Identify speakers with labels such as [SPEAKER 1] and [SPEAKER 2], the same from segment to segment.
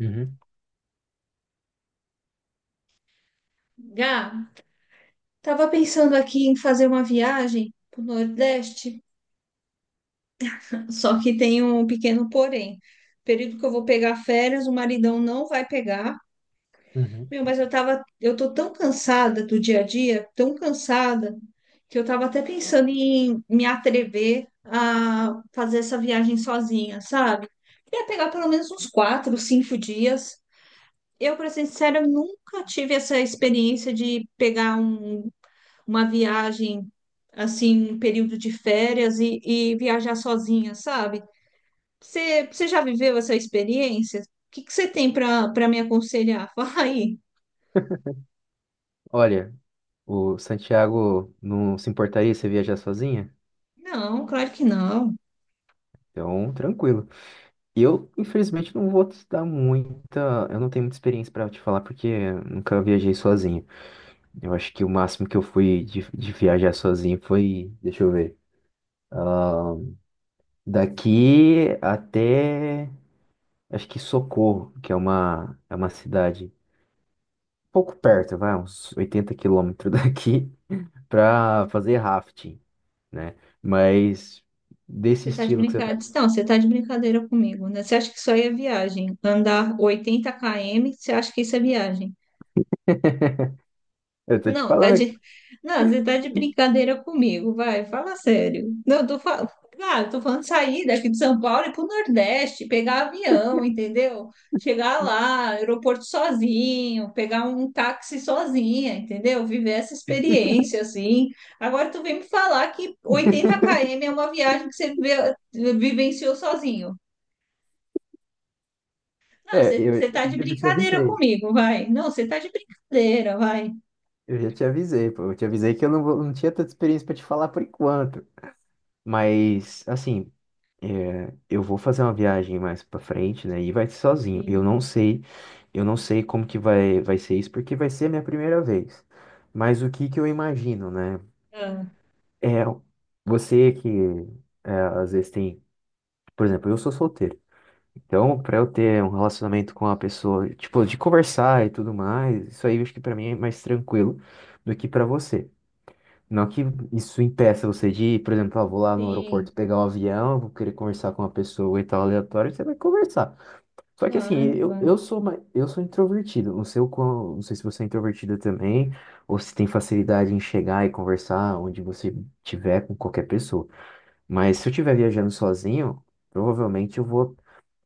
[SPEAKER 1] Uhum,
[SPEAKER 2] Gá, tava pensando aqui em fazer uma viagem pro Nordeste, só que tem um pequeno porém. Período que eu vou pegar férias, o maridão não vai pegar.
[SPEAKER 1] uhum.
[SPEAKER 2] Meu, mas eu tô tão cansada do dia a dia, tão cansada, que eu tava até pensando em me atrever a fazer essa viagem sozinha, sabe? Queria pegar pelo menos uns 4, 5 dias. Eu, para ser sincera, nunca tive essa experiência de pegar uma viagem assim, um período de férias e viajar sozinha, sabe? Você já viveu essa experiência? O que que você tem para me aconselhar? Fala aí.
[SPEAKER 1] Olha, o Santiago não se importaria se viajar sozinha?
[SPEAKER 2] Não, claro que não.
[SPEAKER 1] Então, tranquilo. Eu, infelizmente, não vou te dar muita. Eu não tenho muita experiência para te falar porque eu nunca viajei sozinho. Eu acho que o máximo que eu fui de viajar sozinho foi. Deixa eu ver. ah, Daqui até. Acho que Socorro, que é é uma cidade pouco perto, vai, uns 80 km daqui. Pra fazer rafting, né? Mas desse
[SPEAKER 2] Você tá de
[SPEAKER 1] estilo que você tá.
[SPEAKER 2] brincadeira. Não, você tá de brincadeira comigo, né? Você acha que isso aí é viagem? Andar 80 km, você acha que isso é viagem?
[SPEAKER 1] Eu tô te
[SPEAKER 2] Não,
[SPEAKER 1] falando.
[SPEAKER 2] não, você tá de brincadeira comigo, vai, fala sério. Não, eu tô falando, claro, tô falando de sair daqui de São Paulo e ir pro Nordeste, pegar avião, entendeu? Chegar lá, aeroporto sozinho, pegar um táxi sozinha, entendeu? Viver essa experiência assim. Agora tu vem me falar que 80 km é uma viagem que você vivenciou sozinho. Não,
[SPEAKER 1] É,
[SPEAKER 2] você,
[SPEAKER 1] eu,
[SPEAKER 2] você tá de
[SPEAKER 1] eu já te
[SPEAKER 2] brincadeira
[SPEAKER 1] avisei.
[SPEAKER 2] comigo, vai. Não, você tá de brincadeira, vai.
[SPEAKER 1] Eu já te avisei, pô. Eu te avisei que eu não tinha tanta experiência pra te falar por enquanto. Mas, assim, é, eu vou fazer uma viagem mais pra frente, né? E vai ser sozinho.
[SPEAKER 2] Sim.
[SPEAKER 1] Eu não sei como que vai ser isso, porque vai ser a minha primeira vez. Mas o que que eu imagino, né?
[SPEAKER 2] Ah,
[SPEAKER 1] É, você que é, às vezes tem. Por exemplo, eu sou solteiro. Então, para eu ter um relacionamento com a pessoa, tipo, de conversar e tudo mais, isso aí eu acho que para mim é mais tranquilo do que para você. Não que isso impeça você de, por exemplo, ah, vou lá no
[SPEAKER 2] sim.
[SPEAKER 1] aeroporto pegar um avião, vou querer conversar com uma pessoa e tal, aleatório, você vai conversar. Só que assim,
[SPEAKER 2] Claro,
[SPEAKER 1] eu,
[SPEAKER 2] claro,
[SPEAKER 1] eu sou mais, eu sou introvertido, não sei o quão, não sei se você é introvertida também, ou se tem facilidade em chegar e conversar onde você tiver com qualquer pessoa. Mas se eu estiver viajando sozinho, provavelmente eu vou.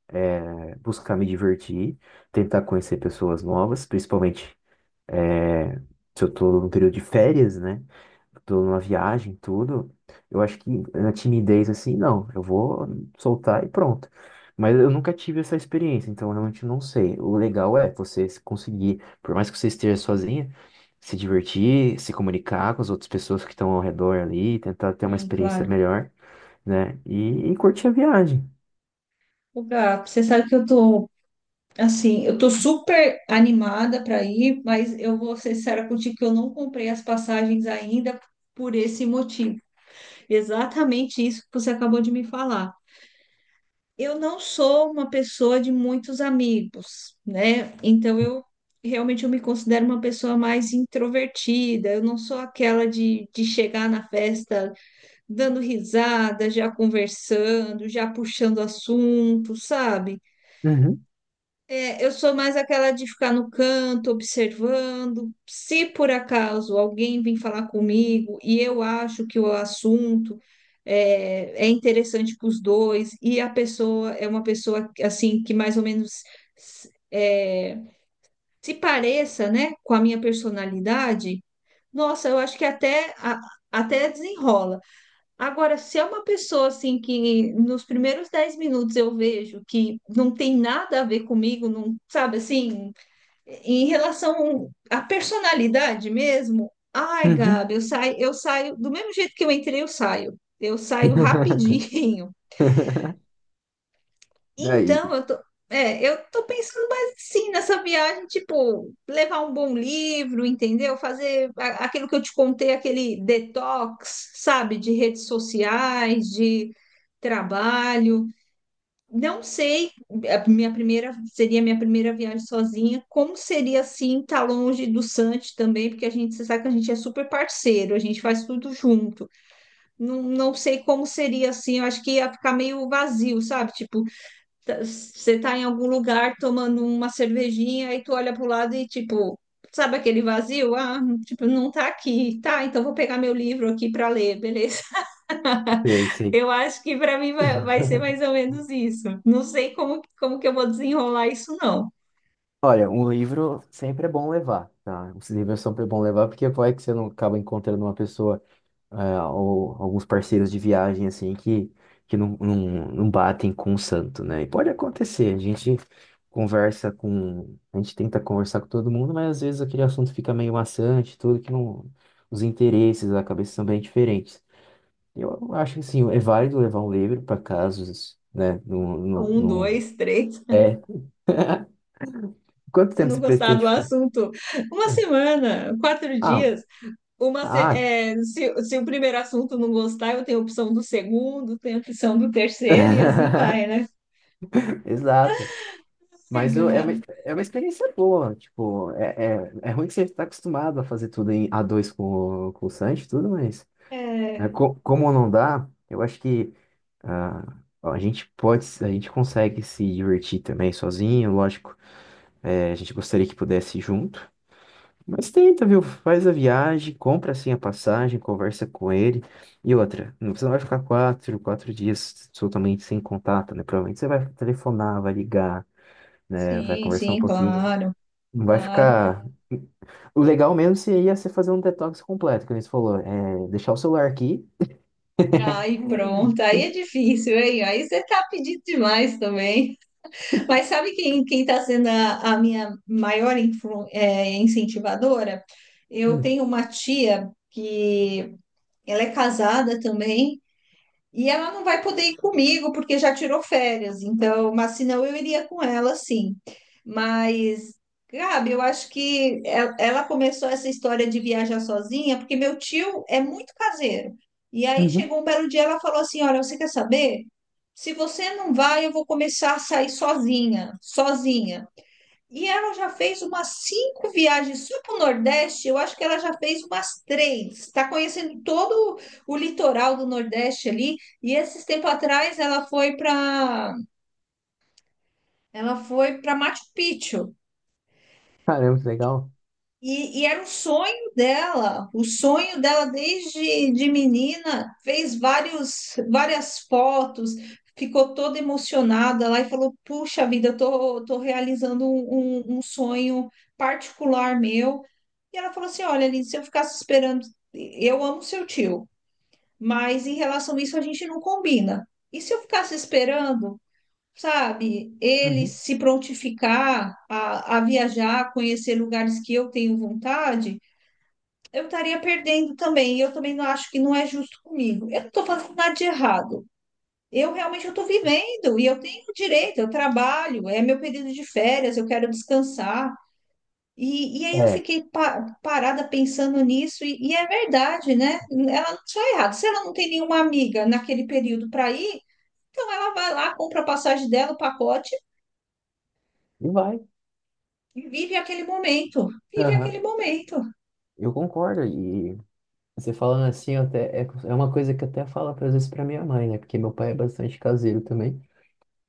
[SPEAKER 1] é, Buscar me divertir, tentar conhecer pessoas novas, principalmente eh, se eu tô num período de férias, né? Tô numa viagem, tudo. Eu acho que na timidez, assim, não, eu vou soltar e pronto. Mas eu nunca tive essa experiência, então eu realmente não sei. O legal é você se conseguir, por mais que você esteja sozinha, se divertir, se comunicar com as outras pessoas que estão ao redor ali, tentar ter uma
[SPEAKER 2] sim,
[SPEAKER 1] experiência
[SPEAKER 2] claro.
[SPEAKER 1] melhor, né? E curtir a viagem.
[SPEAKER 2] O Gá, você sabe que assim, eu tô super animada para ir, mas eu vou ser sincera contigo que eu não comprei as passagens ainda por esse motivo. Exatamente isso que você acabou de me falar. Eu não sou uma pessoa de muitos amigos, né? Então eu realmente eu me considero uma pessoa mais introvertida. Eu não sou aquela de chegar na festa dando risada, já conversando, já puxando assunto, sabe?
[SPEAKER 1] Uhum,
[SPEAKER 2] É, eu sou mais aquela de ficar no canto, observando. Se por acaso alguém vir falar comigo e eu acho que o assunto é interessante para os dois e a pessoa é uma pessoa assim que mais ou menos é, se pareça, né, com a minha personalidade, nossa, eu acho que até até desenrola. Agora, se é uma pessoa assim que nos primeiros 10 minutos eu vejo que não tem nada a ver comigo, não, sabe assim, em relação à personalidade mesmo, ai,
[SPEAKER 1] uhum.
[SPEAKER 2] Gabi, eu saio do mesmo jeito que eu entrei, eu saio. Eu saio rapidinho.
[SPEAKER 1] Daí,
[SPEAKER 2] Então, eu tô pensando mais assim nessa viagem, tipo, levar um bom livro, entendeu? Fazer aquilo que eu te contei, aquele detox, sabe, de redes sociais, de trabalho. Não sei, a minha primeira seria a minha primeira viagem sozinha. Como seria assim estar longe do Santi também, porque a gente você sabe que a gente é super parceiro, a gente faz tudo junto. Não, não sei como seria assim, eu acho que ia ficar meio vazio, sabe? Tipo, você tá em algum lugar tomando uma cervejinha e tu olha pro lado e tipo, sabe aquele vazio? Ah, tipo, não tá aqui. Tá, então vou pegar meu livro aqui para ler, beleza?
[SPEAKER 1] sei, sei.
[SPEAKER 2] Eu acho que para mim vai ser mais ou menos isso. Não sei como que eu vou desenrolar isso, não.
[SPEAKER 1] Olha, um livro sempre é bom levar, tá? Os livros sempre é bom levar porque vai que você não acaba encontrando uma pessoa é, ou alguns parceiros de viagem assim que, que não, não, não batem com o santo, né? E pode acontecer, a gente conversa com, a gente tenta conversar com todo mundo, mas às vezes aquele assunto fica meio maçante, tudo que não, os interesses, a cabeça são bem diferentes. Eu acho que sim, é válido levar um livro para casos, né?
[SPEAKER 2] Um,
[SPEAKER 1] Não,
[SPEAKER 2] dois, três.
[SPEAKER 1] não- Quanto
[SPEAKER 2] Se
[SPEAKER 1] tempo
[SPEAKER 2] não
[SPEAKER 1] você
[SPEAKER 2] gostar do
[SPEAKER 1] pretende ficar?
[SPEAKER 2] assunto, uma semana, quatro
[SPEAKER 1] Ah,
[SPEAKER 2] dias. Uma, se,
[SPEAKER 1] ah.
[SPEAKER 2] é, se o primeiro assunto não gostar, eu tenho a opção do segundo, tenho a opção do terceiro e assim vai, né?
[SPEAKER 1] Exato.
[SPEAKER 2] Ai,
[SPEAKER 1] Mas é uma experiência boa. Tipo, é ruim que você está acostumado a fazer tudo em a dois com o Sanji, e tudo, mas é,
[SPEAKER 2] é,
[SPEAKER 1] como não dá, eu acho que ah, a gente pode, a gente consegue se divertir também sozinho, lógico. É, a gente gostaria que pudesse ir junto. Mas tenta, viu? Faz a viagem, compra assim a passagem, conversa com ele. E outra, você não vai ficar quatro dias totalmente sem contato, né? Provavelmente você vai telefonar, vai ligar, né? Vai
[SPEAKER 2] sim,
[SPEAKER 1] conversar um
[SPEAKER 2] sim,
[SPEAKER 1] pouquinho.
[SPEAKER 2] claro,
[SPEAKER 1] Não vai
[SPEAKER 2] claro.
[SPEAKER 1] ficar. O legal mesmo seria você fazer um detox completo, que eles falou. É deixar o celular aqui.
[SPEAKER 2] Aí pronto, aí é difícil, hein? Aí você tá pedindo demais também. Mas sabe quem tá sendo a minha maior incentivadora? Eu
[SPEAKER 1] Hum.
[SPEAKER 2] tenho uma tia que ela é casada também. E ela não vai poder ir comigo porque já tirou férias, então, mas senão eu iria com ela, sim. Mas, Gabi, eu acho que ela começou essa história de viajar sozinha porque meu tio é muito caseiro. E aí
[SPEAKER 1] Uhum.
[SPEAKER 2] chegou um belo dia, ela falou assim: Olha, você quer saber? Se você não vai, eu vou começar a sair sozinha, sozinha. E ela já fez umas cinco viagens só para o Nordeste. Eu acho que ela já fez umas três. Está conhecendo todo o litoral do Nordeste ali. E esses tempo atrás ela foi para Machu Picchu.
[SPEAKER 1] Caramba, que legal.
[SPEAKER 2] E era o sonho dela desde de menina, fez várias fotos, ficou toda emocionada lá e falou: Puxa vida, eu tô realizando um sonho particular meu. E ela falou assim: Olha, Aline, se eu ficasse esperando, eu amo seu tio, mas em relação a isso a gente não combina. E se eu ficasse esperando? Sabe, ele
[SPEAKER 1] Uhum.
[SPEAKER 2] se prontificar a viajar, conhecer lugares que eu tenho vontade, eu estaria perdendo também. E eu também não acho que não é justo comigo. Eu não estou fazendo nada de errado. Eu realmente estou vivendo e eu tenho direito, eu trabalho, é meu período de férias, eu quero descansar. E aí eu
[SPEAKER 1] É,
[SPEAKER 2] fiquei parada pensando nisso, e é verdade, né? Ela não está errada. Se ela não tem nenhuma amiga naquele período para ir, então ela vai lá, compra a passagem dela, o pacote
[SPEAKER 1] e vai.
[SPEAKER 2] e vive aquele momento, vive aquele
[SPEAKER 1] Aham.
[SPEAKER 2] momento.
[SPEAKER 1] Eu concordo. Você falando assim, eu até, é, é uma coisa que eu até falo às vezes pra minha mãe, né? Porque meu pai é bastante caseiro também.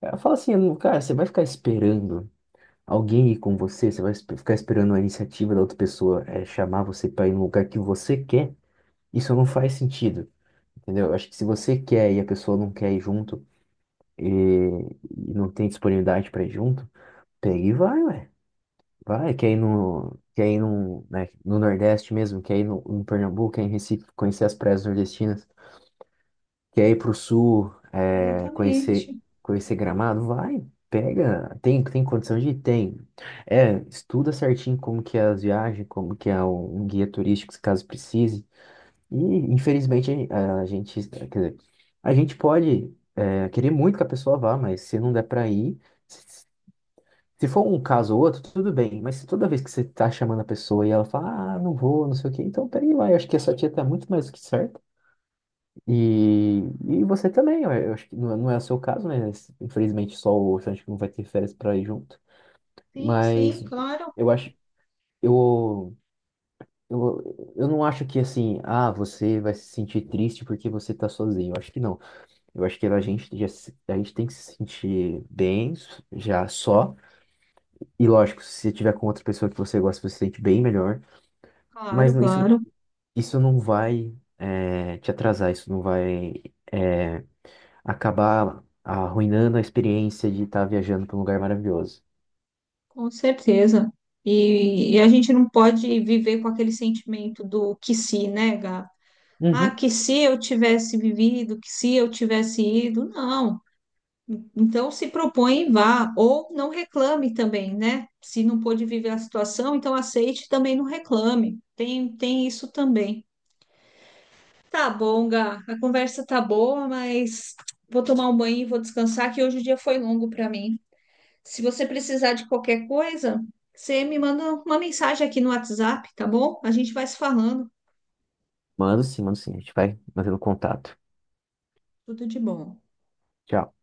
[SPEAKER 1] Ela fala assim, "Lu, cara, você vai ficar esperando alguém ir com você? Você vai ficar esperando a iniciativa da outra pessoa é, chamar você pra ir no lugar que você quer? Isso não faz sentido, entendeu? Eu acho que se você quer e a pessoa não quer ir junto e, e não tem disponibilidade pra ir junto, pega e vai, ué. Vai, quer ir no, né, no Nordeste mesmo, quer ir no, no Pernambuco, quer ir em Recife, conhecer as praias nordestinas. Quer ir pro sul, é,
[SPEAKER 2] Exatamente.
[SPEAKER 1] conhecer Gramado? Vai, pega. Tem condição de ir? Tem. É, estuda certinho como que é as viagens, como que um guia turístico, se caso precise. E, infelizmente, a gente, quer dizer, a gente pode, é, querer muito que a pessoa vá, mas se não der pra ir, se, se for um caso ou outro, tudo bem. Mas se toda vez que você tá chamando a pessoa e ela fala, ah, não vou, não sei o quê, então pega e vai. Eu acho que a sua tia tá muito mais do que certa. E, e você também, eu acho que não é o seu caso, né? Infelizmente só o Sancho que não vai ter férias para ir junto.
[SPEAKER 2] Sim, sim,
[SPEAKER 1] Mas
[SPEAKER 2] claro,
[SPEAKER 1] eu acho, eu, eu não acho que assim, ah, você vai se sentir triste porque você tá sozinho. Eu acho que não. Eu acho que a gente, já, a gente tem que se sentir bem já só. E lógico, se você tiver com outra pessoa que você gosta, você se sente bem melhor. Mas
[SPEAKER 2] claro,
[SPEAKER 1] isso,
[SPEAKER 2] claro,
[SPEAKER 1] isso não vai, te atrasar, isso não vai. eh, Acabar arruinando a experiência de estar viajando para um lugar maravilhoso.
[SPEAKER 2] com certeza. E a gente não pode viver com aquele sentimento do que se, né, Gá? Ah,
[SPEAKER 1] Uhum.
[SPEAKER 2] que se eu tivesse vivido, que se eu tivesse ido, não. Então se propõe e vá, ou não reclame também, né? Se não pôde viver a situação, então aceite e também não reclame. Tem isso também. Tá bom, Gá. A conversa tá boa, mas vou tomar um banho e vou descansar, que hoje o dia foi longo para mim. Se você precisar de qualquer coisa, você me manda uma mensagem aqui no WhatsApp, tá bom? A gente vai se falando.
[SPEAKER 1] Mando sim, mando sim. A gente vai mantendo contato.
[SPEAKER 2] Tudo de bom.
[SPEAKER 1] Tchau.